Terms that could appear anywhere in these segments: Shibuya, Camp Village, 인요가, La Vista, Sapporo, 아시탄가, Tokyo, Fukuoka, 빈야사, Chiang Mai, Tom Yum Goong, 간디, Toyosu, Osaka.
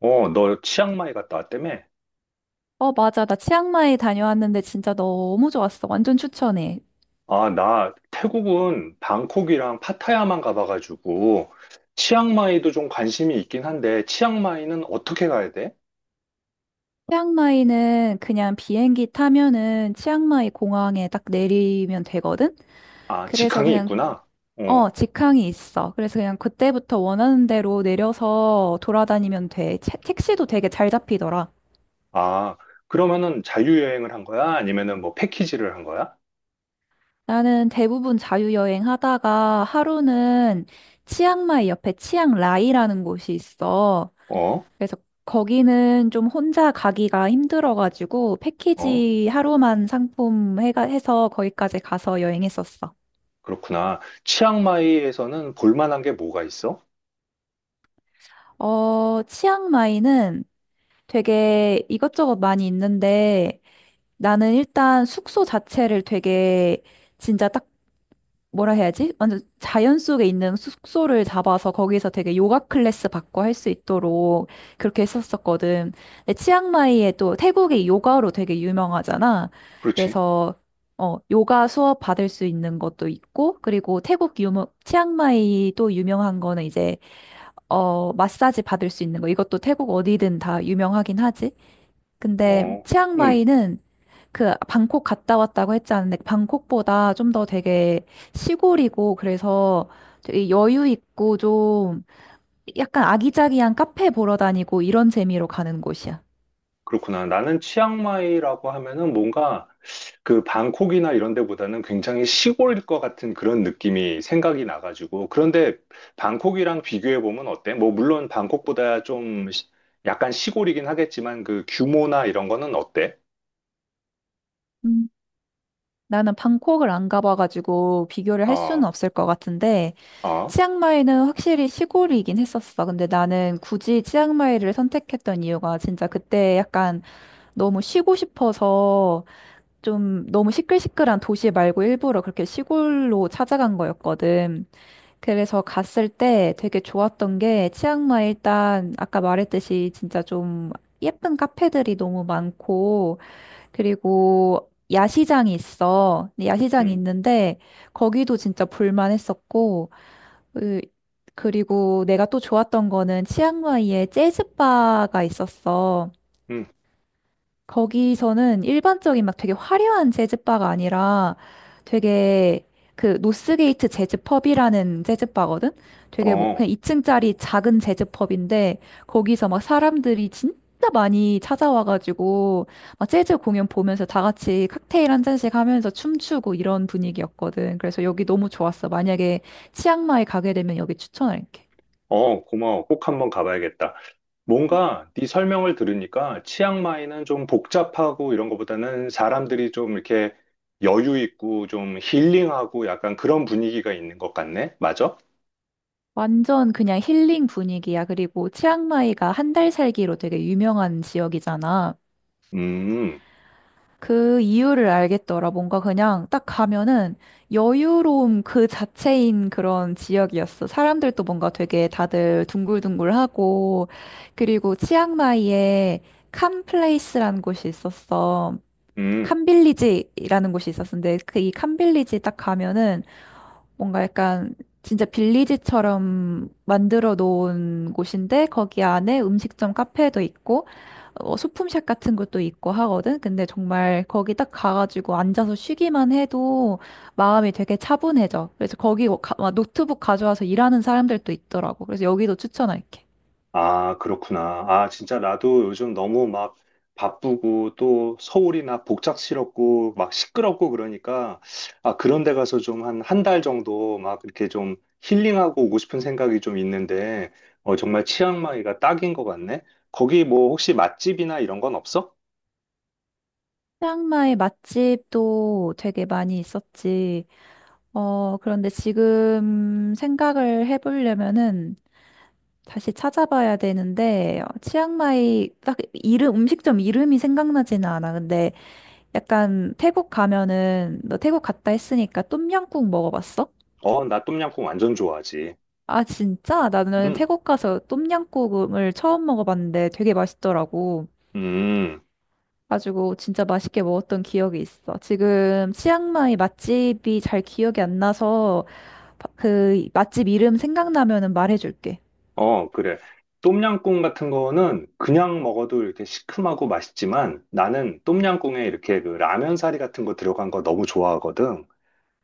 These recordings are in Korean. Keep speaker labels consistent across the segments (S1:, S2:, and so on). S1: 어, 너 치앙마이 갔다 왔다며?
S2: 어, 맞아. 나 치앙마이 다녀왔는데 진짜 너무 좋았어. 완전 추천해.
S1: 아, 나 태국은 방콕이랑 파타야만 가봐가지고 치앙마이도 좀 관심이 있긴 한데 치앙마이는 어떻게 가야 돼?
S2: 치앙마이는 그냥 비행기 타면은 치앙마이 공항에 딱 내리면 되거든?
S1: 아,
S2: 그래서
S1: 직항이
S2: 그냥,
S1: 있구나. 어.
S2: 직항이 있어. 그래서 그냥 그때부터 원하는 대로 내려서 돌아다니면 돼. 택시도 되게 잘 잡히더라.
S1: 아, 그러면은 자유여행을 한 거야? 아니면은 뭐 패키지를 한 거야?
S2: 나는 대부분 자유여행 하다가 하루는 치앙마이 옆에 치앙라이라는 곳이 있어.
S1: 어?
S2: 그래서 거기는 좀 혼자 가기가 힘들어가지고
S1: 어?
S2: 패키지 하루만 상품 해서 거기까지 가서 여행했었어.
S1: 그렇구나. 치앙마이에서는 볼 만한 게 뭐가 있어?
S2: 치앙마이는 되게 이것저것 많이 있는데 나는 일단 숙소 자체를 되게 진짜 딱 뭐라 해야지? 완전 자연 속에 있는 숙소를 잡아서 거기서 되게 요가 클래스 받고 할 수 있도록 그렇게 했었었거든. 근데 치앙마이에 또 태국이 요가로 되게 유명하잖아.
S1: 그렇지.
S2: 그래서 요가 수업 받을 수 있는 것도 있고, 그리고 태국 유명, 치앙마이 또 유명한 거는 이제, 마사지 받을 수 있는 거. 이것도 태국 어디든 다 유명하긴 하지. 근데
S1: 어. 음.
S2: 치앙마이는 그 방콕 갔다 왔다고 했지 않은데 방콕보다 좀 더 되게 시골이고 그래서 되게 여유 있고 좀 약간 아기자기한 카페 보러 다니고 이런 재미로 가는 곳이야.
S1: 그렇구나. 나는 치앙마이라고 하면은 뭔가 그 방콕이나 이런 데보다는 굉장히 시골일 것 같은 그런 느낌이 생각이 나가지고. 그런데 방콕이랑 비교해 보면 어때? 뭐 물론 방콕보다 좀 약간 시골이긴 하겠지만 그 규모나 이런 거는 어때?
S2: 음. 나는 방콕을 안 가봐가지고 비교를 할 수는
S1: 어,
S2: 없을 것 같은데
S1: 어,
S2: 치앙마이는 확실히 시골이긴 했었어. 근데 나는 굳이 치앙마이를 선택했던 이유가 진짜 그때 약간 너무 쉬고 싶어서 좀 너무 시끌시끌한 도시 말고 일부러 그렇게 시골로 찾아간 거였거든. 그래서 갔을 때 되게 좋았던 게 치앙마이 일단 아까 말했듯이 진짜 좀 예쁜 카페들이 너무 많고 그리고 야시장이 있어. 근데 야시장이
S1: 음,
S2: 있는데 거기도 진짜 볼만했었고 으, 그리고 내가 또 좋았던 거는 치앙마이에 재즈바가 있었어.
S1: 음,
S2: 거기서는 일반적인 막 되게 화려한 재즈바가 아니라 되게 그 노스게이트 재즈펍이라는 재즈바거든? 되게 뭐
S1: 어,
S2: 그냥 2층짜리 작은 재즈펍인데 거기서 막 사람들이 진짜 많이 찾아와가지고 막 재즈 공연 보면서 다 같이 칵테일 한 잔씩 하면서 춤추고 이런 분위기였거든. 그래서 여기 너무 좋았어. 만약에 치앙마이 가게 되면 여기 추천할게.
S1: 어, 고마워. 꼭 한번 가봐야겠다. 뭔가 네 설명을 들으니까 치앙마이는 좀 복잡하고 이런 것보다는 사람들이 좀 이렇게 여유 있고 좀 힐링하고 약간 그런 분위기가 있는 것 같네. 맞아?
S2: 완전 그냥 힐링 분위기야. 그리고 치앙마이가 한 달 살기로 되게 유명한 지역이잖아.
S1: 음,
S2: 그 이유를 알겠더라. 뭔가 그냥 딱 가면은 여유로움 그 자체인 그런 지역이었어. 사람들도 뭔가 되게 다들 둥글둥글하고, 그리고 치앙마이에 캄플레이스라는 곳이 있었어.
S1: 음.
S2: 캄빌리지라는 곳이 있었는데, 그 이 캄빌리지 딱 가면은 뭔가 약간 진짜 빌리지처럼 만들어 놓은 곳인데 거기 안에 음식점 카페도 있고 소품샵 같은 것도 있고 하거든. 근데 정말 거기 딱 가가지고 앉아서 쉬기만 해도 마음이 되게 차분해져. 그래서 거기 막 노트북 가져와서 일하는 사람들도 있더라고. 그래서 여기도 추천할게.
S1: 아, 그렇구나. 아, 진짜 나도 요즘 너무 막 바쁘고 또 서울이나 복잡스럽고 막 시끄럽고 그러니까 아, 그런 데 가서 좀 한 한 달 정도 막 이렇게 좀 힐링하고 오고 싶은 생각이 좀 있는데 어, 정말 치앙마이가 딱인 것 같네. 거기 뭐 혹시 맛집이나 이런 건 없어?
S2: 치앙마이 맛집도 되게 많이 있었지. 그런데 지금 생각을 해보려면은 다시 찾아봐야 되는데 치앙마이 딱 이름 음식점 이름이 생각나지는 않아. 근데 약간 태국 가면은 너 태국 갔다 했으니까 똠양꿍 먹어봤어?
S1: 어, 나 똠양꿍 완전 좋아하지.
S2: 아 진짜? 나는
S1: 응.
S2: 태국 가서 똠양꿍을 처음 먹어봤는데 되게 맛있더라고.
S1: 음. 음.
S2: 가지고 진짜 맛있게 먹었던 기억이 있어. 지금 치앙마이 맛집이 잘 기억이 안 나서 그 맛집 이름 생각나면은 말해줄게.
S1: 어, 그래. 똠양꿍 같은 거는 그냥 먹어도 이렇게 시큼하고 맛있지만 나는 똠양꿍에 이렇게 그 라면 사리 같은 거 들어간 거 너무 좋아하거든.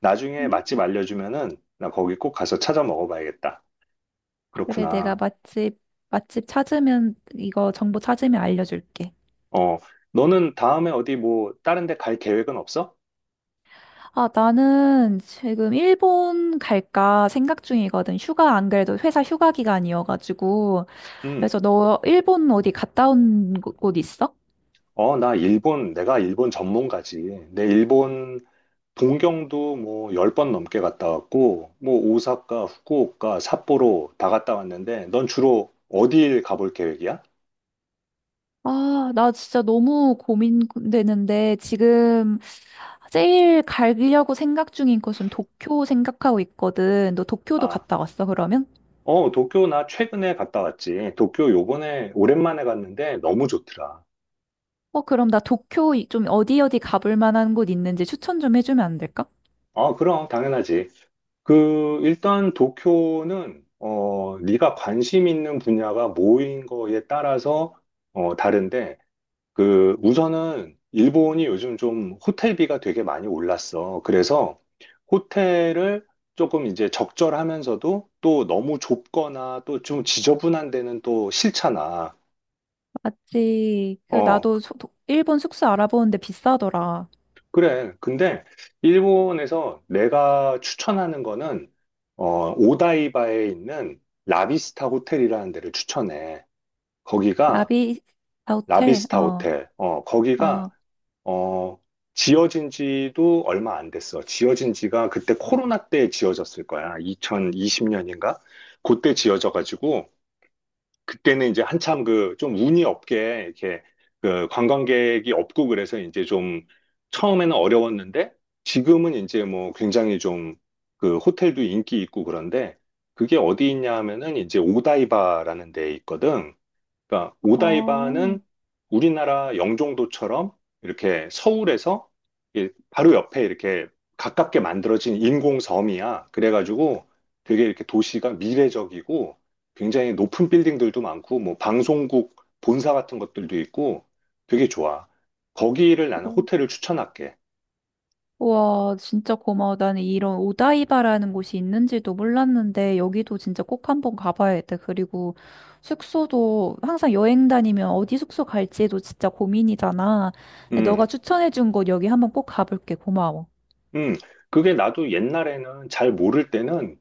S1: 나중에 맛집 알려주면은 나 거기 꼭 가서 찾아 먹어봐야겠다.
S2: 그래, 내가
S1: 그렇구나.
S2: 맛집 찾으면, 이거 정보 찾으면 알려줄게.
S1: 어, 너는 다음에 어디 뭐 다른 데 갈 계획은 없어?
S2: 아, 나는 지금 일본 갈까 생각 중이거든. 휴가, 안 그래도 회사 휴가 기간이어가지고.
S1: 응.
S2: 그래서 너 일본 어디 갔다 온 곳 있어?
S1: 어, 나 일본, 내가 일본 전문가지. 내 일본 동경도 뭐 10번 넘게 갔다 왔고, 뭐 오사카, 후쿠오카, 삿포로 다 갔다 왔는데, 넌 주로 어딜 가볼 계획이야?
S2: 아, 나 진짜 너무 고민되는데, 지금 제일 가려고 생각 중인 곳은 도쿄 생각하고 있거든. 너 도쿄도
S1: 아,
S2: 갔다 왔어, 그러면?
S1: 어, 도쿄 나 최근에 갔다 왔지. 도쿄 요번에 오랜만에 갔는데 너무 좋더라.
S2: 어, 그럼 나 도쿄 좀 어디 어디 가볼 만한 곳 있는지 추천 좀 해주면 안 될까?
S1: 아, 그럼 당연하지. 그 일단 도쿄는 어, 네가 관심 있는 분야가 뭐인 거에 따라서 어, 다른데 그 우선은 일본이 요즘 좀 호텔비가 되게 많이 올랐어. 그래서 호텔을 조금 이제 적절하면서도 또 너무 좁거나 또 좀 지저분한 데는 또 싫잖아.
S2: 맞지. 그
S1: 어,
S2: 나도 일본 숙소 알아보는데 비싸더라.
S1: 그래. 근데 일본에서 내가 추천하는 거는 어, 오다이바에 있는 라비스타 호텔이라는 데를 추천해. 거기가
S2: 라비스 호텔.
S1: 라비스타
S2: 어.
S1: 호텔. 어, 거기가
S2: 어.
S1: 어, 지어진 지도 얼마 안 됐어. 지어진 지가 그때 코로나 때 지어졌을 거야. 2020년인가? 그때 지어져가지고, 그때는 이제 한참 그 좀 운이 없게 이렇게 그 관광객이 없고 그래서 이제 좀 처음에는 어려웠는데, 지금은 이제 뭐 굉장히 좀 그 호텔도 인기 있고 그런데, 그게 어디 있냐 하면은 이제 오다이바라는 데 있거든. 그러니까 오다이바는 우리나라 영종도처럼 이렇게 서울에서 이게 바로 옆에 이렇게 가깝게 만들어진 인공섬이야. 그래가지고 되게 이렇게 도시가 미래적이고 굉장히 높은 빌딩들도 많고 뭐 방송국 본사 같은 것들도 있고 되게 좋아. 거기를 나는
S2: 어.
S1: 호텔을 추천할게.
S2: 와, 진짜 고마워. 나는 이런 오다이바라는 곳이 있는지도 몰랐는데, 여기도 진짜 꼭 한번 가봐야겠다. 그리고 숙소도 항상 여행 다니면 어디 숙소 갈지도 진짜 고민이잖아. 근데 너가
S1: 음,
S2: 추천해준 곳 여기 한번 꼭 가볼게. 고마워.
S1: 음. 그게 나도 옛날에는 잘 모를 때는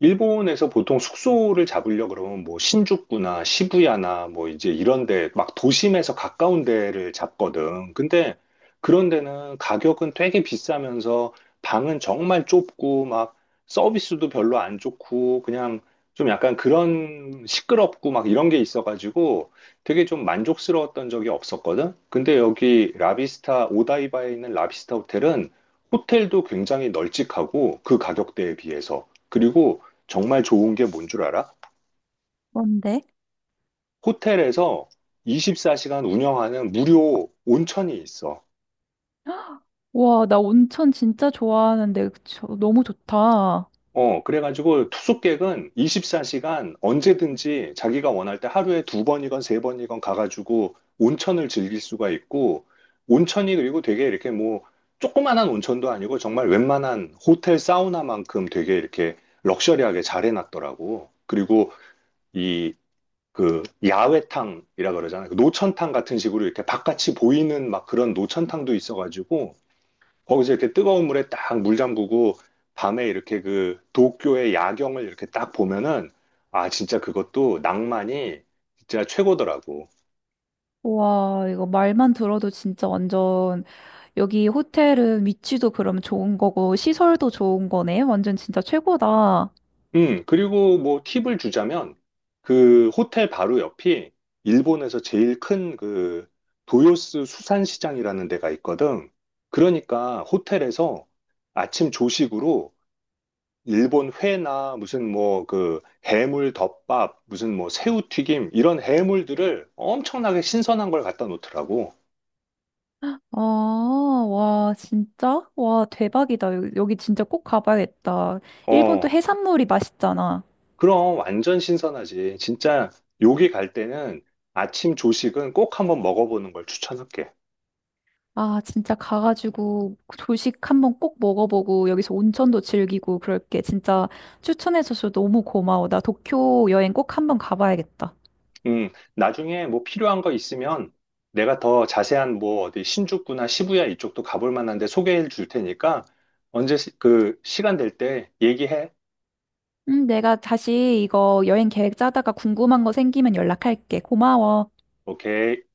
S1: 일본에서 보통 숙소를 잡으려 그러면 뭐 신주쿠나 시부야나 뭐 이제 이런 데 막 도심에서 가까운 데를 잡거든. 근데 그런 데는 가격은 되게 비싸면서 방은 정말 좁고 막 서비스도 별로 안 좋고 그냥 좀 약간 그런 시끄럽고 막 이런 게 있어가지고 되게 좀 만족스러웠던 적이 없었거든. 근데 여기 라비스타 오다이바에 있는 라비스타 호텔은 호텔도 굉장히 널찍하고 그 가격대에 비해서 그리고 정말 좋은 게 뭔줄 알아?
S2: 뭔데?
S1: 호텔에서 24시간 운영하는 무료 온천이 있어.
S2: 와, 나 온천 진짜 좋아하는데, 너무 좋다.
S1: 어, 그래가지고 투숙객은 24시간 언제든지 자기가 원할 때 하루에 두 번이건 세 번이건 가가지고 온천을 즐길 수가 있고, 온천이 그리고 되게 이렇게 뭐, 조그만한 온천도 아니고 정말 웬만한 호텔 사우나만큼 되게 이렇게 럭셔리하게 잘 해놨더라고. 그리고 이 그 야외탕이라 그러잖아요. 그 노천탕 같은 식으로 이렇게 바깥이 보이는 막 그런 노천탕도 있어가지고 거기서 이렇게 뜨거운 물에 딱 물 잠그고 밤에 이렇게 그 도쿄의 야경을 이렇게 딱 보면은 아 진짜 그것도 낭만이 진짜 최고더라고.
S2: 와, 이거 말만 들어도 진짜 완전, 여기 호텔은 위치도 그럼 좋은 거고, 시설도 좋은 거네. 완전 진짜 최고다.
S1: 그리고 뭐 팁을 주자면 그 호텔 바로 옆이 일본에서 제일 큰 그 도요스 수산시장이라는 데가 있거든. 그러니까 호텔에서 아침 조식으로 일본 회나 무슨 뭐 그 해물 덮밥, 무슨 뭐 새우튀김 이런 해물들을 엄청나게 신선한 걸 갖다 놓더라고.
S2: 아, 와, 진짜? 와, 대박이다. 여기 진짜 꼭 가봐야겠다. 일본 또
S1: 어,
S2: 해산물이 맛있잖아.
S1: 그럼 완전 신선하지. 진짜 여기 갈 때는 아침 조식은 꼭 한번 먹어보는 걸 추천할게.
S2: 아, 진짜 가가지고 조식 한번 꼭 먹어보고 여기서 온천도 즐기고 그럴게. 진짜 추천해줘서 너무 고마워. 나 도쿄 여행 꼭 한번 가봐야겠다.
S1: 나중에 뭐 필요한 거 있으면 내가 더 자세한 뭐 어디 신주쿠나 시부야 이쪽도 가볼 만한데 소개해 줄 테니까 언제 그 시간 될 때 얘기해.
S2: 내가 다시 이거 여행 계획 짜다가 궁금한 거 생기면 연락할게. 고마워.
S1: 오케이.